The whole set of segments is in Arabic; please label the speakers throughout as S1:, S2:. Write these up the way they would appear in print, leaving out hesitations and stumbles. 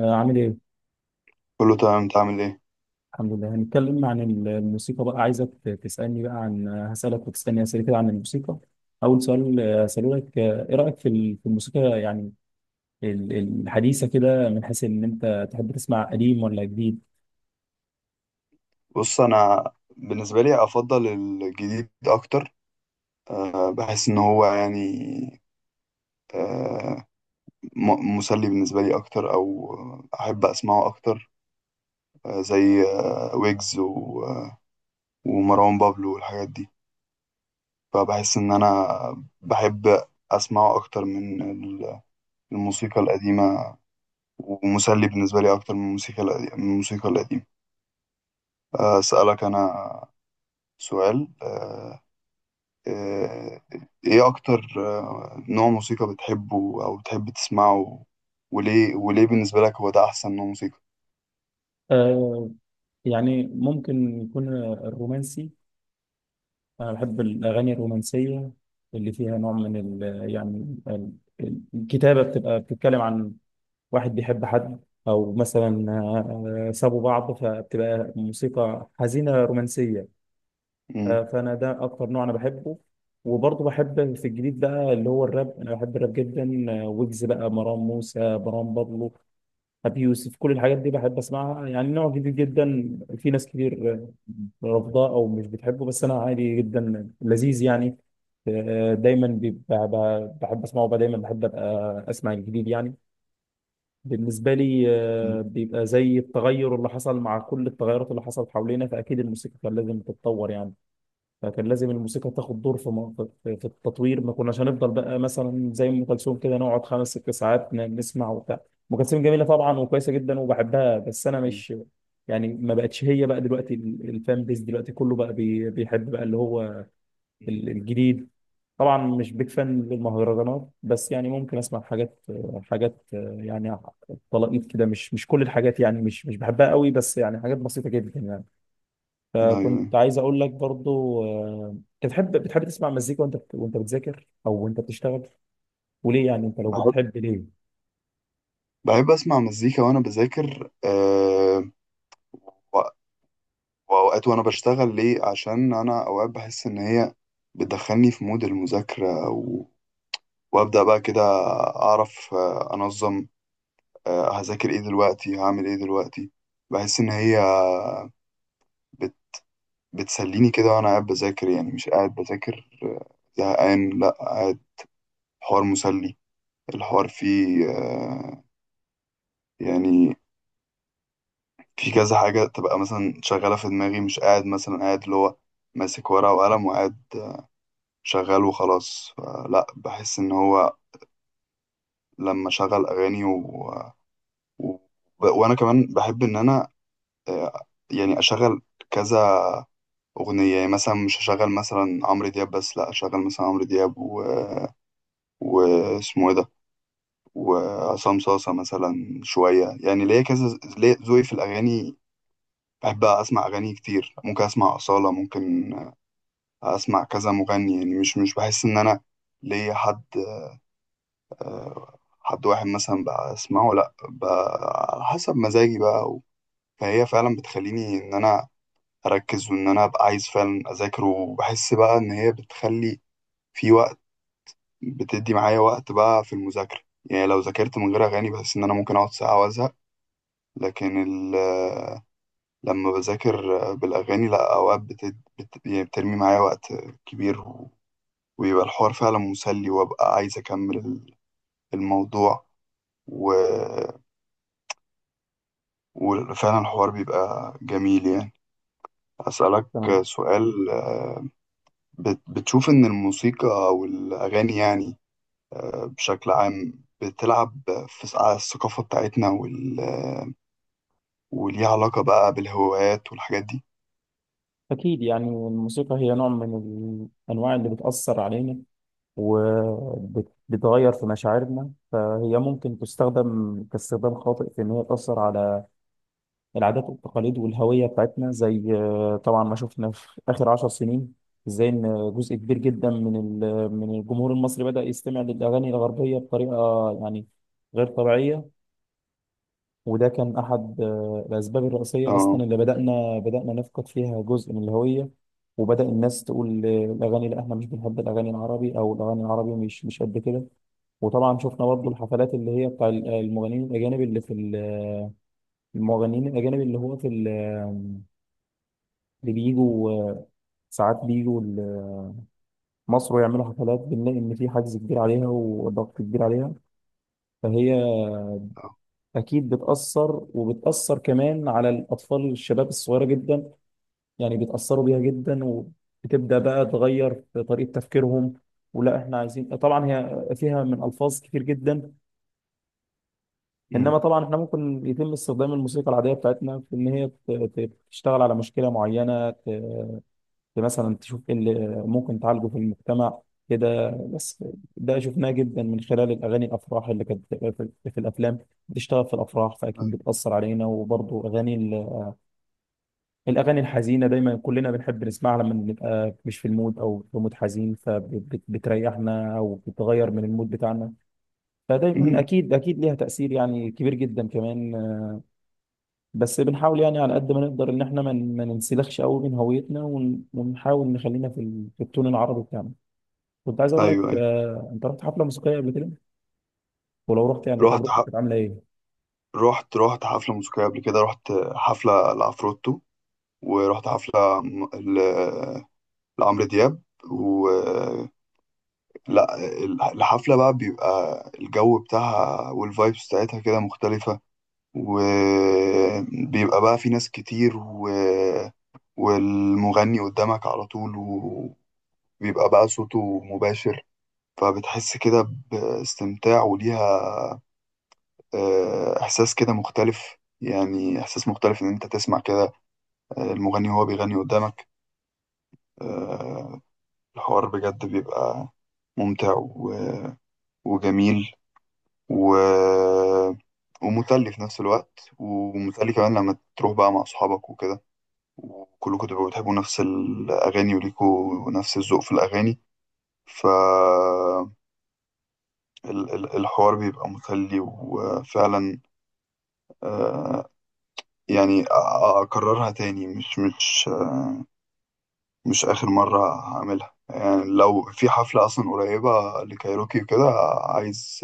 S1: عامل ايه؟
S2: كله تمام، انت عامل ايه؟
S1: الحمد لله هنتكلم عن الموسيقى بقى عايزك تسألني بقى عن هسألك وتسألني أسئلة كده عن الموسيقى. أول سؤال هسأله لك، إيه رأيك في في الموسيقى يعني الحديثة كده، من حيث إن أنت تحب تسمع قديم ولا جديد؟
S2: بص، انا بالنسبه لي افضل الجديد اكتر. بحس ان هو يعني أه مسلي بالنسبه لي اكتر، او احب اسمعه اكتر. زي ويجز ومروان بابلو والحاجات دي. فبحس ان انا بحب اسمعه اكتر من الموسيقى القديمه، ومسلي بالنسبه لي اكتر من الموسيقى القديمه من الموسيقى القديمه. اسالك انا سؤال أه آه، ايه اكتر نوع موسيقى بتحبه او بتحب تسمعه؟ وليه، وليه بالنسبة لك هو ده احسن نوع موسيقى؟
S1: آه، يعني ممكن يكون الرومانسي. أنا بحب الأغاني الرومانسية اللي فيها نوع من ال الكتابة بتبقى بتتكلم عن واحد بيحب حد، او مثلا سابوا بعض، فبتبقى موسيقى حزينه رومانسيه. ف-
S2: مم.
S1: فانا ده اكتر نوع انا بحبه. وبرضه بحب في الجديد بقى اللي هو الراب، انا بحب الراب جدا، ويجز بقى، مروان موسى، مروان بابلو، ابي يوسف، كل الحاجات دي بحب اسمعها. يعني نوع جديد جدا، في ناس كتير رافضاه او مش بتحبه، بس انا عادي جدا، لذيذ يعني. آه، دايما بيبقى- بحب اسمعه بقى، دايما بحب ابقى اسمع الجديد يعني. بالنسبة لي بيبقى زي التغير اللي حصل، مع كل التغيرات اللي حصلت حوالينا، فأكيد الموسيقى كان لازم تتطور يعني. فكان لازم الموسيقى تاخد دور في في التطوير. ما كناش هنفضل بقى مثلا زي أم كلثوم كده، نقعد خمس ست ساعات نسمع وبتاع. أم كلثوم جميلة طبعا وكويسة جدا وبحبها، بس أنا
S2: مم.
S1: مش يعني ما بقتش هي بقى دلوقتي. الفان بيز دلوقتي كله بقى بيحب بقى اللي هو الجديد. طبعا مش بيك فان للمهرجانات، بس يعني ممكن اسمع حاجات حاجات يعني طلقيت كده، مش مش كل الحاجات يعني، مش مش بحبها قوي، بس يعني حاجات بسيطه جدا يعني.
S2: ايوه، أيوة.
S1: فكنت عايز اقول لك برضو، انت بتحب تسمع مزيكا وانت وانت بتذاكر، او وانت بتشتغل، وليه يعني انت لو
S2: بحب،
S1: بتحب ليه؟
S2: بحب اسمع مزيكا وانا بذاكر و- واوقات وانا بشتغل. ليه؟ عشان انا اوقات بحس ان هي بتدخلني في مود المذاكرة، و... وابدا بقى كده اعرف انظم هذاكر ايه دلوقتي، هعمل ايه دلوقتي. بحس ان هي بتسليني كده وانا قاعد بذاكر، يعني مش قاعد بذاكر زهقان، لا، قاعد حوار مسلي. الحوار فيه يعني في كذا حاجة تبقى مثلا شغالة في دماغي. مش قاعد مثلا قاعد اللي هو ماسك ورقة وقلم وقاعد شغال وخلاص، لا، بحس ان هو لما شغل اغاني و... و... وانا كمان بحب ان انا آه، يعني اشغل كذا اغنية. يعني مثلا مش هشغل مثلا عمرو دياب بس، لا، اشغل مثلا عمرو دياب و... واسمه ايه ده وعصام صاصة مثلا شوية. يعني ليا كذا، ليا ذوقي في الأغاني. بحب أسمع أغاني كتير، ممكن أسمع أصالة، ممكن أسمع كذا مغني. يعني مش بحس إن أنا ليا حد واحد مثلا بسمعه، لأ، على حسب مزاجي بقى. و- فهي فعلا بتخليني إن أنا أركز، وإن أنا أبقى عايز فعلا أذاكر. وبحس بقى إن هي بتخلي في وقت، بتدي معايا وقت بقى في المذاكرة. يعني لو ذاكرت من غير أغاني بحس إن أنا ممكن أقعد ساعة وأزهق. لكن ال لما بذاكر بالأغاني لأ، أوقات يعني بترمي معايا وقت كبير، و... ويبقى الحوار فعلا مسلي، وأبقى عايز أكمل الموضوع. و... وفعلا الحوار بيبقى جميل يعني. أسألك
S1: تمام.
S2: سؤال بتشوف إن الموسيقى أو الأغاني يعني بشكل عام بتلعب على الثقافة بتاعتنا، وال... وليها علاقة بقى بالهوايات والحاجات دي؟
S1: اكيد يعني الموسيقى هي نوع من الانواع اللي بتاثر علينا وبتغير في مشاعرنا، فهي ممكن تستخدم كاستخدام خاطئ في ان هي تاثر على العادات والتقاليد والهوية بتاعتنا، زي طبعا ما شفنا في آخر عشر سنين ازاي ان جزء كبير جدا من من الجمهور المصري بدأ يستمع للأغاني الغربية بطريقة يعني غير طبيعية. وده كان أحد الأسباب الرئيسية
S2: اه.
S1: أصلا اللي بدأنا نفقد فيها جزء من الهوية. وبدأ الناس تقول الأغاني لا، إحنا مش بنحب الأغاني العربي، أو الأغاني العربي مش مش قد كده. وطبعا شفنا برضه الحفلات اللي هي بتاع المغنيين الأجانب اللي في المغنيين الأجانب اللي هو في ال اللي بيجوا، ساعات بيجوا مصر ويعملوا حفلات، بنلاقي إن في حجز كبير عليها وضغط كبير عليها. فهي
S2: آه.
S1: أكيد بتأثر، وبتأثر كمان على الأطفال الشباب الصغيرة جدا، يعني بيتأثروا بيها جدا. وبتبدأ بقى تغير في طريقة تفكيرهم، ولا احنا عايزين طبعا. هي فيها من الفاظ كتير جدا،
S2: أمم.
S1: انما طبعا احنا ممكن يتم استخدام الموسيقى العاديه بتاعتنا في ان هي تشتغل على مشكله معينه، مثلا تشوف ايه اللي ممكن تعالجه في المجتمع كده. بس ده شفناه جدا من خلال الاغاني الافراح اللي كانت في في الافلام بتشتغل في الافراح، فاكيد
S2: أيوة.
S1: بتاثر علينا. وبرضه اغاني الاغاني الحزينه دايما كلنا بنحب نسمعها لما بنبقى مش في المود، او في مود حزين، فبتريحنا او بتغير من المود بتاعنا. فدايما
S2: أمم.
S1: اكيد اكيد ليها تاثير يعني كبير جدا كمان. بس بنحاول يعني على قد ما نقدر ان احنا ما ننسلخش قوي من هويتنا، ونحاول نخلينا في في التون العربي بتاعنا. كنت عايز اقول
S2: أيوة،
S1: لك
S2: أيوة.
S1: انت رحت حفله موسيقيه قبل كده؟ ولو رحت يعني
S2: رحت
S1: تجربتك كانت عامله ايه؟
S2: رحت حفلة موسيقية قبل كده، رحت حفلة لعفروتو، ورحت حفلة لعمرو دياب. و لا، الحفلة بقى بيبقى الجو بتاعها والفايبس بتاعتها كده مختلفة، وبيبقى بقى في ناس كتير، و... والمغني قدامك على طول، وبيبقى بقى صوته مباشر. فبتحس كده باستمتاع، وليها إحساس كده مختلف. يعني إحساس مختلف إن أنت تسمع كده المغني وهو بيغني قدامك. آه، الحوار بجد بيبقى ممتع و- وجميل، و... ومسلي في نفس الوقت. ومسلي كمان لما تروح بقى مع أصحابك وكده، وكلكم تبقوا بتحبوا نفس الأغاني وليكوا نفس الذوق في الأغاني. فالحوار بيبقى مسلي. وفعلا آه، يعني أكررها تاني، مش آخر مرة هعملها يعني، لو في حفلة أصلا قريبة لكايروكي وكده عايز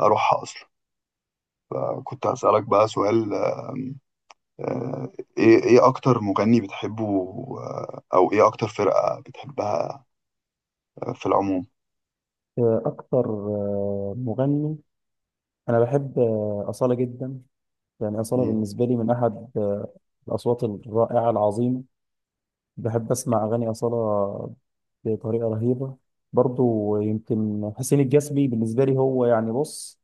S2: أروحها أصلا. فكنت هسألك بقى سؤال آم، آه، إيه، أكتر مغني بتحبه أو إيه أكتر فرقة بتحبها في العموم؟
S1: اكتر مغني انا بحب اصاله جدا، يعني اصاله
S2: مم.
S1: بالنسبه لي من احد الاصوات الرائعه العظيمه. بحب اسمع اغاني اصاله بطريقه رهيبه. برضو يمكن حسين الجسمي، بالنسبه لي هو يعني بص،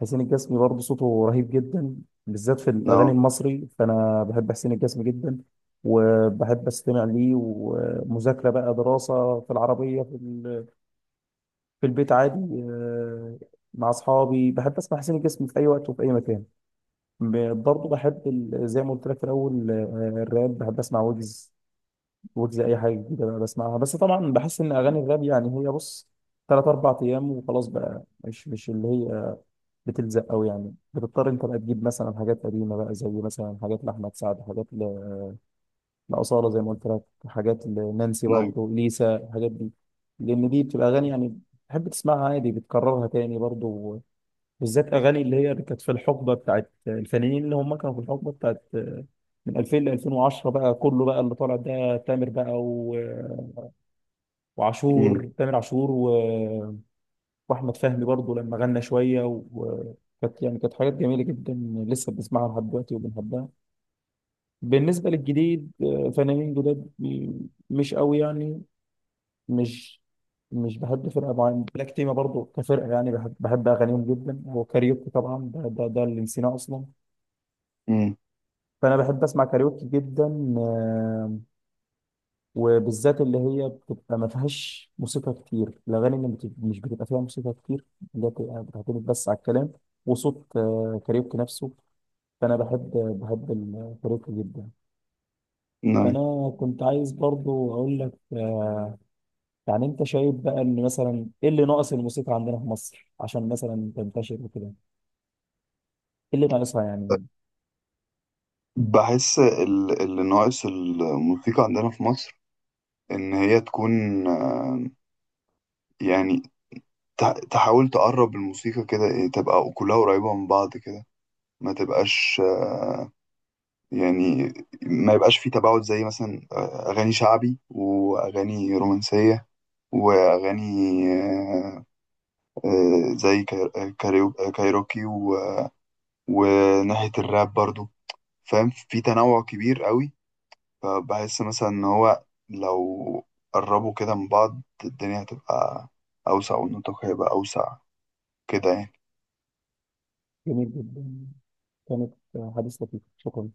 S1: حسين الجسمي برضه صوته رهيب جدا، بالذات في
S2: نو
S1: الأغاني المصري، فأنا بحب حسين الجسمي جدا. وبحب أستمع ليه ومذاكرة بقى، دراسة، في العربية، في، في البيت عادي، مع أصحابي، بحب أسمع حسين الجسمي في أي وقت وفي أي مكان. برضه بحب زي ما قلت لك في الأول الراب، بحب أسمع ويجز. ويجز أي حاجة جديدة بقى بسمعها. بس طبعا بحس إن أغاني الراب يعني هي بص تلات أربع أيام وخلاص بقى، مش مش اللي هي بتلزق قوي يعني. بتضطر انت بقى تجيب مثلا حاجات قديمه بقى، زي مثلا حاجات لاحمد سعد، حاجات لاصاله زي ما قلت لك، حاجات لنانسي
S2: ناي
S1: برضه، ليسا، الحاجات دي. لان دي بتبقى اغاني يعني بتحب تسمعها عادي، بتكررها تاني برضه، بالذات اغاني اللي هي اللي كانت في الحقبه بتاعت الفنانين اللي هم كانوا في الحقبه بتاعت من 2000 ل 2010 بقى، كله بقى اللي طالع ده تامر بقى، و...
S2: مم.
S1: وعاشور، تامر عاشور، و... واحمد فهمي برضه لما غنى شويه، وكانت يعني كانت حاجات جميله جدا لسه بنسمعها لحد دلوقتي وبنحبها. بالنسبه للجديد فنانين جداد مش قوي يعني. مش مش بحب فرقه معينه. بلاك تيما برضه كفرقه يعني بحب اغانيهم جدا. وكاريوكي طبعا، ده ده اللي نسيناه اصلا.
S2: مم.
S1: فانا بحب اسمع كاريوكي جدا، وبالذات اللي هي بتبقى ما فيهاش موسيقى كتير، الاغاني اللي مش بتبقى فيها موسيقى كتير، اللي هي بتبقى بتعتمد بس على الكلام وصوت كاريوكي نفسه. فانا بحب الكاريوكي جدا.
S2: ناي
S1: فانا كنت عايز برضو اقول لك يعني انت شايف بقى ان مثلا ايه اللي ناقص الموسيقى عندنا في مصر عشان مثلا تنتشر وكده؟ ايه اللي ناقصها يعني؟
S2: بحس اللي ناقص الموسيقى عندنا في مصر إن هي تكون يعني تحاول تقرب الموسيقى كده، إيه، تبقى كلها قريبة من بعض كده. ما تبقاش يعني ما يبقاش في تباعد، زي مثلا أغاني شعبي، وأغاني رومانسية، وأغاني آه، زي كايروكي، و- وناحية الراب برضو، فاهم؟ في تنوع كبير قوي. فبحس مثلا إن هو لو قربوا كده من بعض، الدنيا هتبقى أوسع، والنطاق هيبقى أوسع كده يعني.
S1: جميل جدا. كانت حديث لطيف، شكرا.